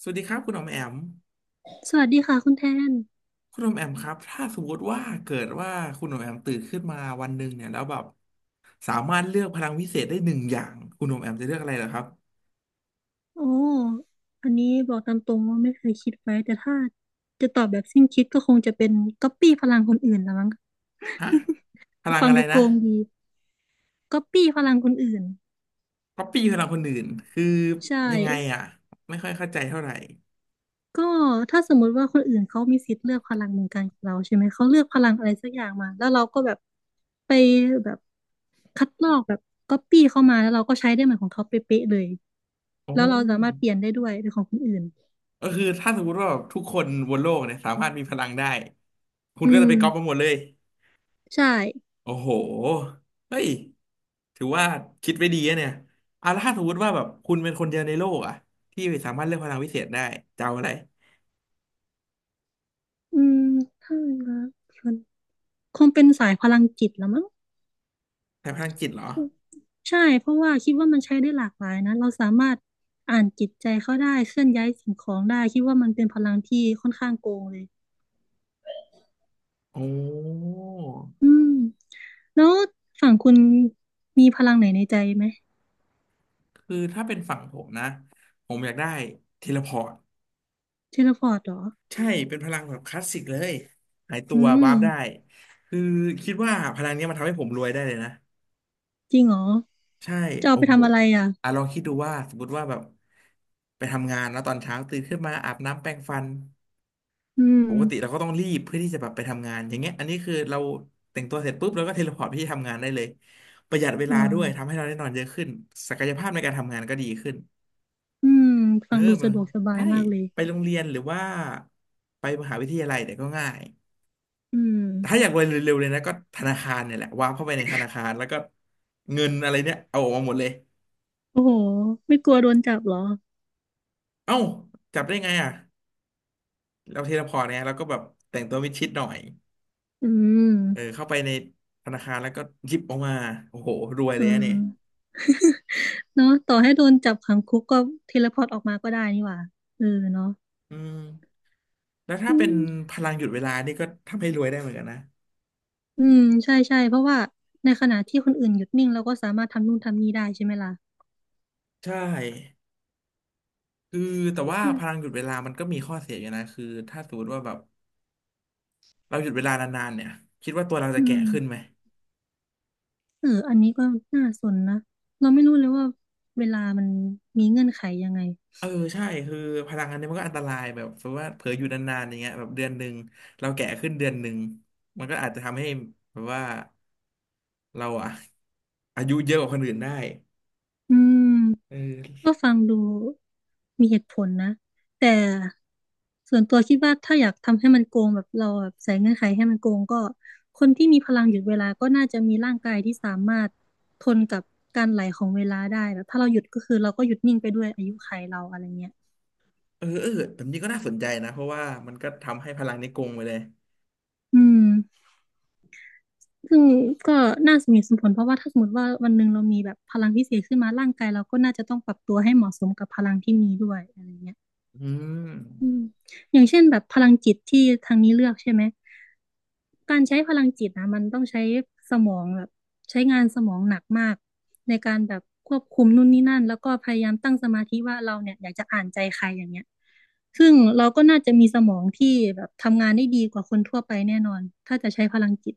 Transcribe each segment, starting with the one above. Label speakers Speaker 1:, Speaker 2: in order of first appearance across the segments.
Speaker 1: สวัสดีครับคุณอมแอม
Speaker 2: สวัสดีค่ะคุณแทน
Speaker 1: คุณอมแอมครับถ้าสมมติว่าเกิดว่าคุณอมแอมตื่นขึ้นมาวันหนึ่งเนี่ยแล้วแบบสามารถเลือกพลังวิเศษได้หนึ่งอย่างคุณอมแอมจะเลือกอะไรเหรอครับ
Speaker 2: โอ้อันนี้บอกตามตรงว่าไม่เคยคิดไว้แต่ถ้าจะตอบแบบสิ้นคิดก็คงจะเป็นก๊อปปี้พลังคนอื่นละมั้ง
Speaker 1: ฮะพลัง
Speaker 2: ฟัง
Speaker 1: อะไร
Speaker 2: ดูโก
Speaker 1: นะ
Speaker 2: งดีก๊อปปี้พลังคนอื่น
Speaker 1: ก๊อปปี้พลังคนอื่นคือ
Speaker 2: ใช่
Speaker 1: ยังไงอ่ะไม่ค่อยเข้าใจเท่าไหร่
Speaker 2: ก็ถ้าสมมุติว่าคนอื่นเขามีสิทธิ์เลือกพลังเหมือนกันกับเราใช่ไหมเขาเลือกพลังอะไรสักอย่างมาแล้วเราก็แบบไปแบบคัดลอกแบบก๊อปปี้เข้ามาแล้วเราก็ใช้ได้เหมือนของเขาเป๊ะๆเลย
Speaker 1: โอ้
Speaker 2: แล้วเราสามารถเปลี่ยนได้ด้วยเป็นของคนอื่น
Speaker 1: ก็คือถ้าสมมติว่าแบบทุกคนบนโลกเนี่ยสามารถมีพลังได้คุณ
Speaker 2: อื
Speaker 1: ก็จะ
Speaker 2: ม
Speaker 1: ไปก๊อปมาหมดเลย
Speaker 2: ใช่
Speaker 1: โอ้โหเฮ้ยถือว่าคิดไว้ดีอะเนี่ยอาแล้วถ้าสมมติว่าแบบคุณเป็นคนเดียวในโลกอะที่สามารถเลือกพลังวิเศษได้จะเอาอะไร
Speaker 2: อืมถ้ารักคนคงเป็นสายพลังจิตละมั้ง
Speaker 1: ใช้พลังจิตเหรอ
Speaker 2: ใช่เพราะว่าคิดว่ามันใช้ได้หลากหลายนะเราสามารถอ่านจิตใจเขาได้เคลื่อนย้ายสิ่งของได้คิดว่ามันเป็นพลังที่ค่อนข้างโกงเลย
Speaker 1: โอ้
Speaker 2: อืมแล้วฝั่งคุณมีพลังไหนในใจไหม
Speaker 1: คือถ้าเป็นฝั่งผมนะ ผมอยากได้เทเลพอร์ต
Speaker 2: เทเลพอร์ตเหรอ
Speaker 1: ใช่ เป็นพลังแบบคลาสสิกเลยหายตั
Speaker 2: อื
Speaker 1: ววา
Speaker 2: ม
Speaker 1: ร์ปได้ คือคิดว่าพลังเนี้ยมันทำให้ผมรวยได้เลยนะ
Speaker 2: จริงเหรอ
Speaker 1: ใช่
Speaker 2: จะเอา
Speaker 1: โอ้
Speaker 2: ไป
Speaker 1: โห
Speaker 2: ทำอะไรอ่ะ
Speaker 1: อ่ะลองคิดดูว่าสมมติว่าแบบไปทำงานแล้วตอนเช้าตื่นขึ้นมาอาบน้ำแปรงฟัน
Speaker 2: อื
Speaker 1: ปกติ
Speaker 2: ม
Speaker 1: เราก็ต้องรีบเพื่อที่จะแบบไปทำงานอย่างเงี้ยอันนี้คือเราแต่งตัวเสร็จปุ๊บเราก็เทเลพอร์ตไปที่ทำงานได้เลยประหยัดเว
Speaker 2: เอ
Speaker 1: ลาด้วยทำ
Speaker 2: อ
Speaker 1: ให้เราได้นอนเยอะขึ้นศักยภาพในการทำงานก็ดีขึ้น
Speaker 2: อืม
Speaker 1: เอ
Speaker 2: ฟั
Speaker 1: อ
Speaker 2: งดู
Speaker 1: มา
Speaker 2: สะดวกสบาย
Speaker 1: ใช่
Speaker 2: มากเลย
Speaker 1: ไปโรงเรียนหรือว่าไปมหาวิทยาลัยเนี่ยก็ง่าย
Speaker 2: อื
Speaker 1: แต่ถ้าอยา
Speaker 2: ม
Speaker 1: กรวยเร็วๆเลยนะก็ธนาคารเนี่ยแหละวางเข้าไปในธนาคารแล้วก็เงินอะไรเนี่ยเอาออกมาหมดเลย
Speaker 2: โอ้โหไม่กลัวโดนจับเหรอ
Speaker 1: เอ้าจับได้ไงอ่ะเราเทเลพอร์ตเนี่ยเราก็แบบแต่งตัวมิดชิดหน่อย
Speaker 2: อืม
Speaker 1: เออเข้าไปในธนาคารแล้วก็หยิบออกมาโอ้โหรวยเล
Speaker 2: อื
Speaker 1: ยอะเนี่ย
Speaker 2: มเนาะต่อให้โดนจับขังคุกก็เทเลพอร์ตออกมาก็ได้นี่หว่าเออเนาะ
Speaker 1: อืมแล้วถ้า
Speaker 2: อื
Speaker 1: เป็น
Speaker 2: ม
Speaker 1: พลังหยุดเวลานี่ก็ทำให้รวยได้เหมือนกันนะ
Speaker 2: อืมใช่ใช่เพราะว่าในขณะที่คนอื่นหยุดนิ่งเราก็สามารถทำนู่นทำนี่ได้ใช่ไหมล่ะ
Speaker 1: ใช่คือแต่ว่า
Speaker 2: มั
Speaker 1: พ
Speaker 2: น
Speaker 1: ลังหยุดเวลามันก็มีข้อเสียอยู่นะคือถ้าสมมติว่าแบบเราหยุดเวลานานๆเนี่ยคิดว่าตัวเราจะ
Speaker 2: อื
Speaker 1: แก่
Speaker 2: ม
Speaker 1: ขึ้นไหม
Speaker 2: เอออันนี้ก็น่าสนนะเราไม่รู้เลยว่าเวลามันมีเงื่อนไขยังไง
Speaker 1: เออใช่คือพลังอันนี้มันก็อันตรายแบบสมมติว่าเผลออยู่นานๆอย่างเงี้ยแบบเดือนหนึ่งเราแก่ขึ้นเดือนหนึ่งมันก็อาจจะทำให้แบบว่าเราอะอายุเยอะกว่าคนอื่นได้
Speaker 2: อืม
Speaker 1: เอ
Speaker 2: ก็
Speaker 1: อ
Speaker 2: ฟังดูมีเหตุผลนะแต่ส่วนตัวคิดว่าถ้าอยากทำให้มันโกงแบบเราแบบใส่เงื่อนไขให้มันโกงก็คนที่มีพลังหยุดเวลาก็น่าจะมีร่างกายที่สามารถทนกับการไหลของเวลาได้แบบถ้าเราหยุดก็คือเราก็หยุดนิ่งไปด้วยอายุขัยเราอะไรเงี้ย
Speaker 1: เออเออแบบนี้ก็น่าสนใจนะเพราะว่ามันก็ทำให้พลังนี้โกงไปเลย
Speaker 2: อืมซึ่งก็น่าสมเหตุสมผลเพราะว่าถ้าสมมติว่าวันหนึ่งเรามีแบบพลังพิเศษขึ้นมาร่างกายเราก็น่าจะต้องปรับตัวให้เหมาะสมกับพลังที่มีด้วยอะไรเงี้ย
Speaker 1: อืม
Speaker 2: อืมอย่างเช่นแบบพลังจิตที่ทางนี้เลือกใช่ไหมการใช้พลังจิตนะมันต้องใช้สมองแบบใช้งานสมองหนักมากในการแบบควบคุมนู่นนี่นั่นแล้วก็พยายามตั้งสมาธิว่าเราเนี่ยอยากจะอ่านใจใครอย่างเงี้ยซึ่งเราก็น่าจะมีสมองที่แบบทำงานได้ดีกว่าคนทั่วไปแน่นอนถ้าจะใช้พลังจิต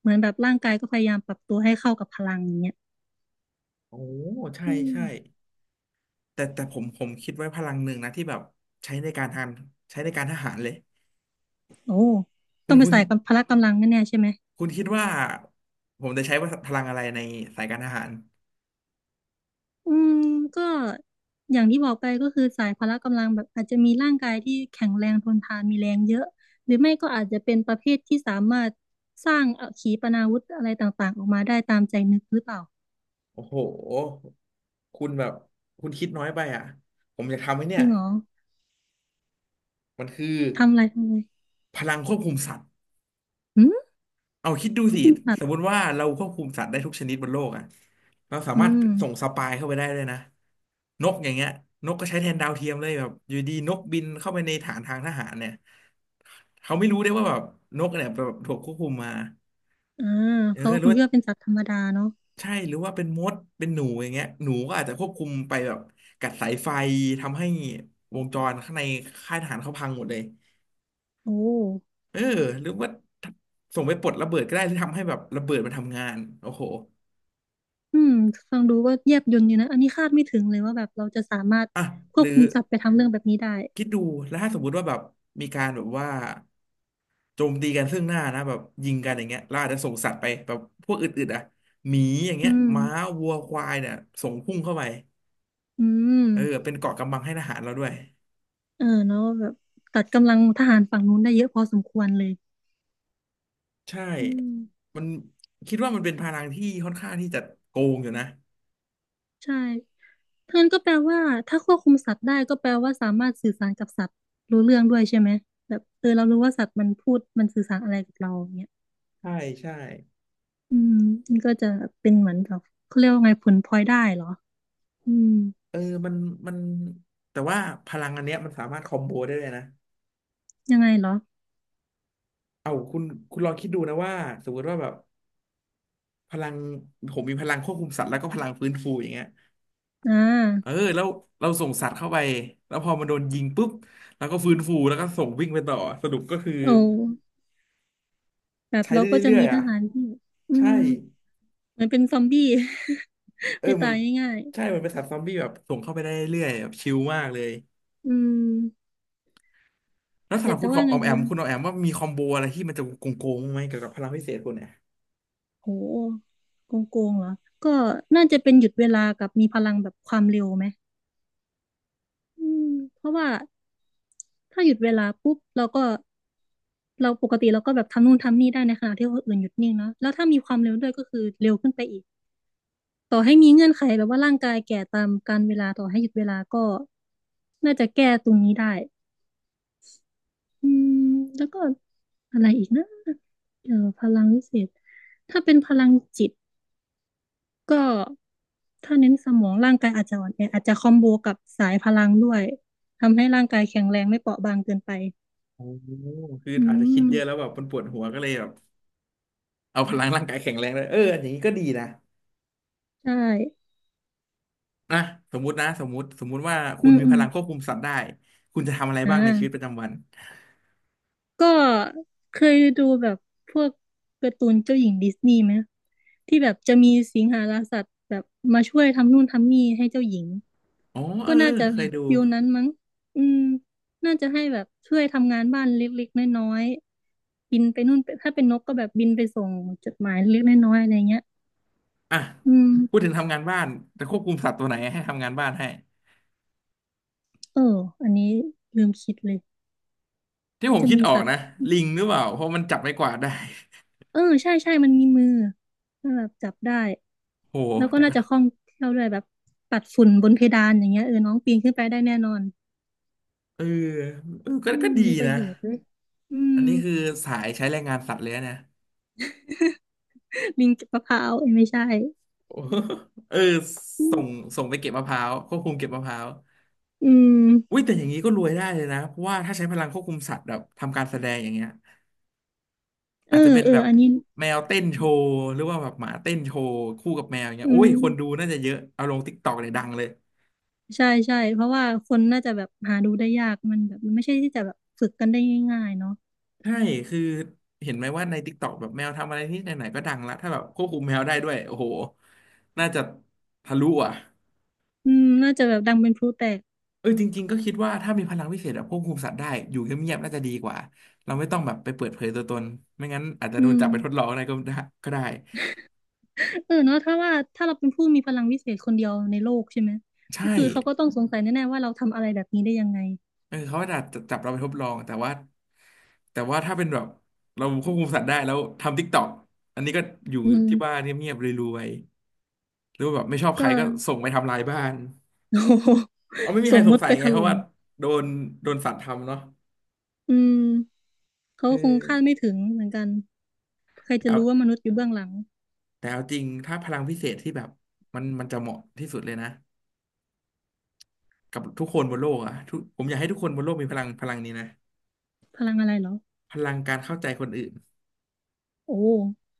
Speaker 2: เหมือนแบบร่างกายก็พยายามปรับตัวให้เข้ากับพลังอย่างเงี้ย
Speaker 1: โอ้ใช่
Speaker 2: อืม
Speaker 1: ใช่แต่ผมคิดไว้พลังหนึ่งนะที่แบบใช้ในการทานใช้ในการทหารเลย
Speaker 2: โอ้
Speaker 1: คุ
Speaker 2: ต้อ
Speaker 1: ณ
Speaker 2: งไป
Speaker 1: คุณ
Speaker 2: ใส่กับพละกำลังแน่ๆใช่ไหม
Speaker 1: คุณคิดว่าผมจะใช้พลังอะไรในสายการทหาร
Speaker 2: อืมก็อย่างที่บอกไปก็คือสายพละกำลังแบบอาจจะมีร่างกายที่แข็งแรงทนทานมีแรงเยอะหรือไม่ก็อาจจะเป็นประเภทที่สามารถสร้างขีปนาวุธอะไรต่างๆออกมาได้ตามใจนึกหรือเปล่า
Speaker 1: โอ้โหคุณแบบคุณคิดน้อยไปอ่ะผมอยากทำไว้เนี่
Speaker 2: จ
Speaker 1: ย
Speaker 2: ริงเหรอ
Speaker 1: มันคือ
Speaker 2: ทำอะไรทำอะไร
Speaker 1: พลังควบคุมสัตว์
Speaker 2: หืม
Speaker 1: เอาคิดดู
Speaker 2: เขา
Speaker 1: สิ
Speaker 2: เป็นสัต
Speaker 1: สม
Speaker 2: ว์
Speaker 1: มติว่าเราควบคุมสัตว์ได้ทุกชนิดบนโลกอ่ะเราสา
Speaker 2: อื
Speaker 1: มารถ
Speaker 2: ม
Speaker 1: ส่งสปายเข้าไปได้เลยนะนกอย่างเงี้ยนกก็ใช้แทนดาวเทียมเลยแบบอยู่ดีนกบินเข้าไปในฐานทางทหารเนี่ยเขาไม่รู้ได้ว่าแบบนกเนี่ยแบบถูกควบคุมมา
Speaker 2: อ่า
Speaker 1: เออ
Speaker 2: เขา
Speaker 1: หรื
Speaker 2: ค
Speaker 1: อ
Speaker 2: ง
Speaker 1: ว่า
Speaker 2: คิดว่าเป็นสัตว์ธรรมดาเนาะ
Speaker 1: ใช่หรือว่าเป็นมดเป็นหนูอย่างเงี้ยหนูก็อาจจะควบคุมไปแบบกัดสายไฟทำให้วงจรข้างในค่ายทหารเขาพังหมดเลย
Speaker 2: โอ้
Speaker 1: เออหรือว่าส่งไปปลดระเบิดก็ได้ที่ทำให้แบบระเบิดมันทำงานโอ้โห
Speaker 2: อืมฟังดูก็แยบยลอยู่นะอันนี้คาดไม่ถึงเลยว่าแบบเราจะสามารถ
Speaker 1: อ่ะ
Speaker 2: ค
Speaker 1: ห
Speaker 2: วบ
Speaker 1: รือ
Speaker 2: คุมสัตว์ไปทำเรื่องแบบนี้ได้
Speaker 1: คิดดูแล้วถ้าสมมุติว่าแบบมีการแบบว่าโจมตีกันซึ่งหน้านะแบบยิงกันอย่างเงี้ยเราอาจจะส่งสัตว์ไปแบบพวกอื่นๆอ่ะหมีอย่าง
Speaker 2: อื
Speaker 1: เงี้ย
Speaker 2: ม
Speaker 1: ม้าวัวควายเนี่ยส่งพุ่งเข้าไป
Speaker 2: อืม
Speaker 1: เออเป็นเกราะกำบังให้ทหารเราด้วย
Speaker 2: เออเนาะแบบตัดกำลังทหารฝั่งนู้นได้เยอะพอสมควรเลย
Speaker 1: ใช่
Speaker 2: อืม
Speaker 1: มันคิดว่ามันเป็นพลังที่ค่อนข้างที่จะโกงอยู่นะ
Speaker 2: ใช่ทั้งนั้นก็แปลว่าถ้าควบคุมสัตว์ได้ก็แปลว่าสามารถสื่อสารกับสัตว์รู้เรื่องด้วยใช่ไหมแบบเออเรารู้ว่าสัตว์มันพูดมันสื่อสารอะไรกับเราอย่างเนี่ย
Speaker 1: ใช่ใช่
Speaker 2: อืมนี่ก็จะเป็นเหมือนกับเขาเรียกว่าไงผลพลอยได้เหรออืม
Speaker 1: เออมันมันแต่ว่าพลังอันเนี้ยมันสามารถคอมโบได้เลยนะ
Speaker 2: ยังไงเหรอ
Speaker 1: เอาคุณลองคิดดูนะว่าสมมติว่าแบบ พลังผมมีพลังควบคุมสัตว์แล้วก็พลังฟื้นฟูอย่างเงี้ย
Speaker 2: อ่
Speaker 1: เออ
Speaker 2: า
Speaker 1: แล้วเราส่งสัตว์เข้าไปแล้วพอมันโดนยิงปุ๊บแล้วก็ฟื้นฟูแล้วก็ส่งวิ่งไปต่อสรุปก็คือ
Speaker 2: โอ้แบบ
Speaker 1: ใช้
Speaker 2: เรา
Speaker 1: ได้
Speaker 2: ก็จะ
Speaker 1: เรื่อ
Speaker 2: มี
Speaker 1: ยๆ
Speaker 2: ท
Speaker 1: อ่ะ
Speaker 2: หารที่อื
Speaker 1: ใช่
Speaker 2: มเหมือนเป็นซอมบี้
Speaker 1: เออ
Speaker 2: ไม่
Speaker 1: มั
Speaker 2: ตา
Speaker 1: น
Speaker 2: ยง่าย
Speaker 1: ใช่มันเป็นสัตว์ซอมบี้แบบส่งเข้าไปได้เรื่อยๆแบบชิลมากเลย
Speaker 2: ๆอืม
Speaker 1: แล้วสำ
Speaker 2: แต่
Speaker 1: หรับ
Speaker 2: จะ
Speaker 1: คุณข
Speaker 2: ว่า
Speaker 1: ออ
Speaker 2: ไง
Speaker 1: อมแอ
Speaker 2: ดี
Speaker 1: มคุณออมแอมว่ามีคอมโบอะไรที่มันจะโกงโกงบ้างไหมเกี่ยวกับพลังพิเศษคุณเนี่ย
Speaker 2: โหโกงโกงเหรอก็น่าจะเป็นหยุดเวลากับมีพลังแบบความเร็วไหมอืมเพราะว่าถ้าหยุดเวลาปุ๊บเราก็เราปกติเราก็แบบทำนู่นทำนี่ได้ในขณะที่คนอื่นหยุดนิ่งเนาะแล้วถ้ามีความเร็วด้วยก็คือเร็วขึ้นไปอีกต่อให้มีเงื่อนไขแบบว่าร่างกายแก่ตามกาลเวลาต่อให้หยุดเวลาก็น่าจะแก้ตรงนี้ได้อืมแล้วก็อะไรอีกนะพลังวิเศษถ้าเป็นพลังจิต ก็ถ้าเน้นสมองร่างกายอาจจะอ่อนแออาจจะคอมโบกับสายพลังด้วยทำให้ร่างกายแข็งแรงไม่เปราะบางเกินไป
Speaker 1: โอ้โหคือ
Speaker 2: อื
Speaker 1: อาจจะคิดเยอะแล้ว
Speaker 2: ม
Speaker 1: แบบมันปวดหัวก็เลยแบบเอาพลังร่างกายแข็งแรงเลยเอออย่างนี้ก็ดีนะ
Speaker 2: ใช่
Speaker 1: นะสมมุตินะสมมุติว่าคุ
Speaker 2: อื
Speaker 1: ณ
Speaker 2: ม
Speaker 1: มี
Speaker 2: อื
Speaker 1: พ
Speaker 2: ม
Speaker 1: ลังควบคุมสัตว์ได้คุณจะทำอะไร
Speaker 2: อ่
Speaker 1: บ้างในชีวิตป
Speaker 2: า
Speaker 1: ระจำวัน
Speaker 2: ก็เคยดูแบบพวกการ์ตูนเจ้าหญิงดิสนีย์ไหมที่แบบจะมีสิงหาราสัตว์แบบมาช่วยทำนู่นทำนี่ให้เจ้าหญิง
Speaker 1: อ๋อเอ
Speaker 2: ก็
Speaker 1: อเอ
Speaker 2: น่า
Speaker 1: อ
Speaker 2: จะ
Speaker 1: เค
Speaker 2: แบ
Speaker 1: ย
Speaker 2: บ
Speaker 1: ดู
Speaker 2: ฟิลนั้นมั้งอืมน่าจะให้แบบช่วยทำงานบ้านเล็กๆน้อยๆบินไปนู่นไปถ้าเป็นนกก็แบบบินไปส่งจดหมายเล็กๆน้อยๆอะไรเงี้ย
Speaker 1: อ่ะ
Speaker 2: อืม
Speaker 1: พูดถึงทำงานบ้านจะควบคุมสัตว์ตัวไหนให้ทำงานบ้านให้
Speaker 2: เอออันนี้ลืมคิดเลย
Speaker 1: ที่ผม
Speaker 2: จะ
Speaker 1: คิด
Speaker 2: มี
Speaker 1: ออก
Speaker 2: สัตว์
Speaker 1: นะลิงหรือเปล่าเพราะมันจับไม้กวาดได้
Speaker 2: เออใช่ใช่มันมีมือแล้วแบบจับได้
Speaker 1: โห
Speaker 2: แล้วก็
Speaker 1: แต่
Speaker 2: น่า
Speaker 1: ก็
Speaker 2: จะคล่องแคล่วด้วยแบบปัดฝุ่นบนเพดานอย่างเงี้ยเออน้องปีนขึ้นไปได้แน่นอน
Speaker 1: เออเออก็
Speaker 2: อื
Speaker 1: ก็
Speaker 2: ม
Speaker 1: ดี
Speaker 2: มีประ
Speaker 1: นะ
Speaker 2: โยชน์ด้วยอืม
Speaker 1: อันนี้คือสายใช้แรงงานสัตว์เลยนะ เนี่ย
Speaker 2: ลิงก็บมะพร้าวเอ้ยไม่ใช่
Speaker 1: โอ้เออ
Speaker 2: อื
Speaker 1: ส่
Speaker 2: ม
Speaker 1: งไปเก็บมะพร้าวควบคุมเก็บมะพร้าว
Speaker 2: อื
Speaker 1: อุ้ย
Speaker 2: ม
Speaker 1: แต่อย่างนี้ก็รวยได้เลยนะเพราะว่าถ้าใช้พลังควบคุมสัตว์แบบทำการแสดงอย่างเงี้ย
Speaker 2: เอ
Speaker 1: อาจจะ
Speaker 2: อ
Speaker 1: เป็น
Speaker 2: เอ
Speaker 1: แบ
Speaker 2: อ
Speaker 1: บ
Speaker 2: อันนี้
Speaker 1: แมวเต้นโชว์หรือว่าแบบหมาเต้นโชว์คู่กับแมวอย่างเงี้ย
Speaker 2: อื
Speaker 1: โอ้
Speaker 2: ม
Speaker 1: ยคนดูน่าจะเยอะเอาลงติ๊กตอกเลยดังเลย
Speaker 2: ใช่ใช่เพราะว่าคนน่าจะแบบหาดูได้ยากมันแบบมันไม่ใช่ที่จะแบบฝึกกันได้ง่ายๆเนาะ
Speaker 1: ใช่คือเห็นไหมว่าใน t ิ k กตอกแบบแมวทำอะไรที่ไหนๆก็ดังละถ้าแบบควบคุมแมวได้ด้วยโอ้โหน่าจะทะลุอ่ะ
Speaker 2: อืมน่าจะแบบดังเป็นพลุแตก
Speaker 1: เออจริงๆก็คิดว่าถ้ามีพลังพิเศษแบบควบคุมสัตว์ได้อยู่เงียบๆน่าจะดีกว่าเราไม่ต้องแบบไปเปิดเผยตัวตนไม่งั้นอาจจะโด
Speaker 2: อื
Speaker 1: น
Speaker 2: ม
Speaker 1: จับไปทดลองอะไรก็ได้ก็ได้
Speaker 2: เออเนาะถ้าว่าถ้าเราเป็นผู้มีพลังวิเศษคนเดียวในโลกใช่ไหม
Speaker 1: ใช่
Speaker 2: ก็คือเขาก็ต้องสงสัยแน่ๆว่าเราทำอะไรแบบนี้ได้ยังไง
Speaker 1: เออเขาอาจจะจับเราไปทดลองแต่ว่าถ้าเป็นแบบเราควบคุมสัตว์ได้แล้วทำ t ิ k กต k อกอันนี้ก็อยู่
Speaker 2: อื
Speaker 1: ที่บ้าน
Speaker 2: ม
Speaker 1: เงียบๆรวยๆหรือว่าแบบไม่ชอบใค
Speaker 2: ก็
Speaker 1: รก็ส่งไปทำลายบ้าน
Speaker 2: โอ้โห
Speaker 1: เอาไม่มีใค
Speaker 2: ส่
Speaker 1: ร
Speaker 2: ง
Speaker 1: ส
Speaker 2: ม
Speaker 1: ง
Speaker 2: ด
Speaker 1: สั
Speaker 2: ไป
Speaker 1: ย
Speaker 2: ถ
Speaker 1: ไงเพราะ
Speaker 2: ล่ม
Speaker 1: ว่าโดนโดนสัตว์ทำเนาะ
Speaker 2: อืมเขา
Speaker 1: เอ
Speaker 2: คงคาด
Speaker 1: อ
Speaker 2: ไม่ถึงเหมือนกันใคร
Speaker 1: แต่
Speaker 2: จะ
Speaker 1: เอา
Speaker 2: รู้ว่ามนุษย์อยู่เบื้องหลัง
Speaker 1: จริงถ้าพลังพิเศษที่แบบมันจะเหมาะที่สุดเลยนะกับทุกคนบนโลกอะทุกผมอยากให้ทุกคนบนโลกมีพลังนี้นะ
Speaker 2: พลังอะไรเหรอ
Speaker 1: พลังการเข้าใจคนอื่น
Speaker 2: โอ้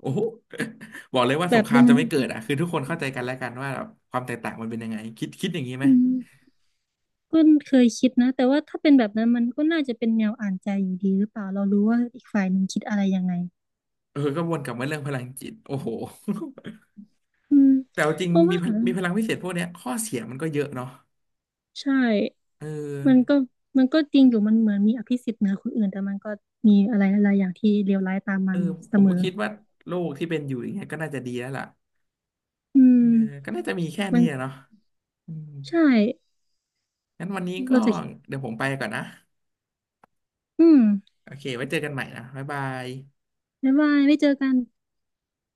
Speaker 1: โอ้โห บอกเลยว่า
Speaker 2: แบ
Speaker 1: สง
Speaker 2: บ
Speaker 1: ครา
Speaker 2: ยั
Speaker 1: ม
Speaker 2: งไง
Speaker 1: จะไม่เกิดอ่ะคือทุกคนเข้าใจกันแล้วกันว่าแบบความแตกต่างมันเป็นยังไงคิดอย่างนี้ไหม
Speaker 2: อืมก็เคยคิดนะแต่ว่าถ้าเป็นแบบนั้นมันก็น่าจะเป็นแนวอ่านใจอยู่ดีหรือเปล่าเรารู้ว่าอีกฝ่ายหนึ่งคิดอะไรยังไง
Speaker 1: เออก็วนกลับมาเรื่องพลังจิตโอ้โห
Speaker 2: อืม
Speaker 1: แต่เอาจริ
Speaker 2: เพ
Speaker 1: ง
Speaker 2: ราะ
Speaker 1: มี
Speaker 2: ว่า
Speaker 1: มีพลังพิเศษพวกเนี้ยข้อเสียมันก็เยอะเนาะ
Speaker 2: ใช่
Speaker 1: เอ
Speaker 2: มัน
Speaker 1: อ
Speaker 2: ก็มันก็จริงอยู่มันเหมือนมีอภิสิทธิ์เหนือคนอื่นแต่มันก็มีอะไรหลายๆอย่างที่เลวร้ายตาม
Speaker 1: เอ
Speaker 2: มา
Speaker 1: อ
Speaker 2: เส
Speaker 1: ผม
Speaker 2: ม
Speaker 1: ก็
Speaker 2: อ
Speaker 1: คิดว่าโลกที่เป็นอยู่อย่างเงี้ยก็น่าจะดีแล้วล่ะ
Speaker 2: อื
Speaker 1: เออ
Speaker 2: ม
Speaker 1: ก็น่าจะมีแค่
Speaker 2: มั
Speaker 1: นี้
Speaker 2: น
Speaker 1: อะเนาะอืม
Speaker 2: ใช่
Speaker 1: งั้นวันนี้ก็
Speaker 2: เราจะ
Speaker 1: เดี๋ยวผมไปก่อนนะ
Speaker 2: อืม
Speaker 1: โอเคไว้เจอกันใหม่นะบ๊ายบาย
Speaker 2: บ๊ายบายไม่เจอกัน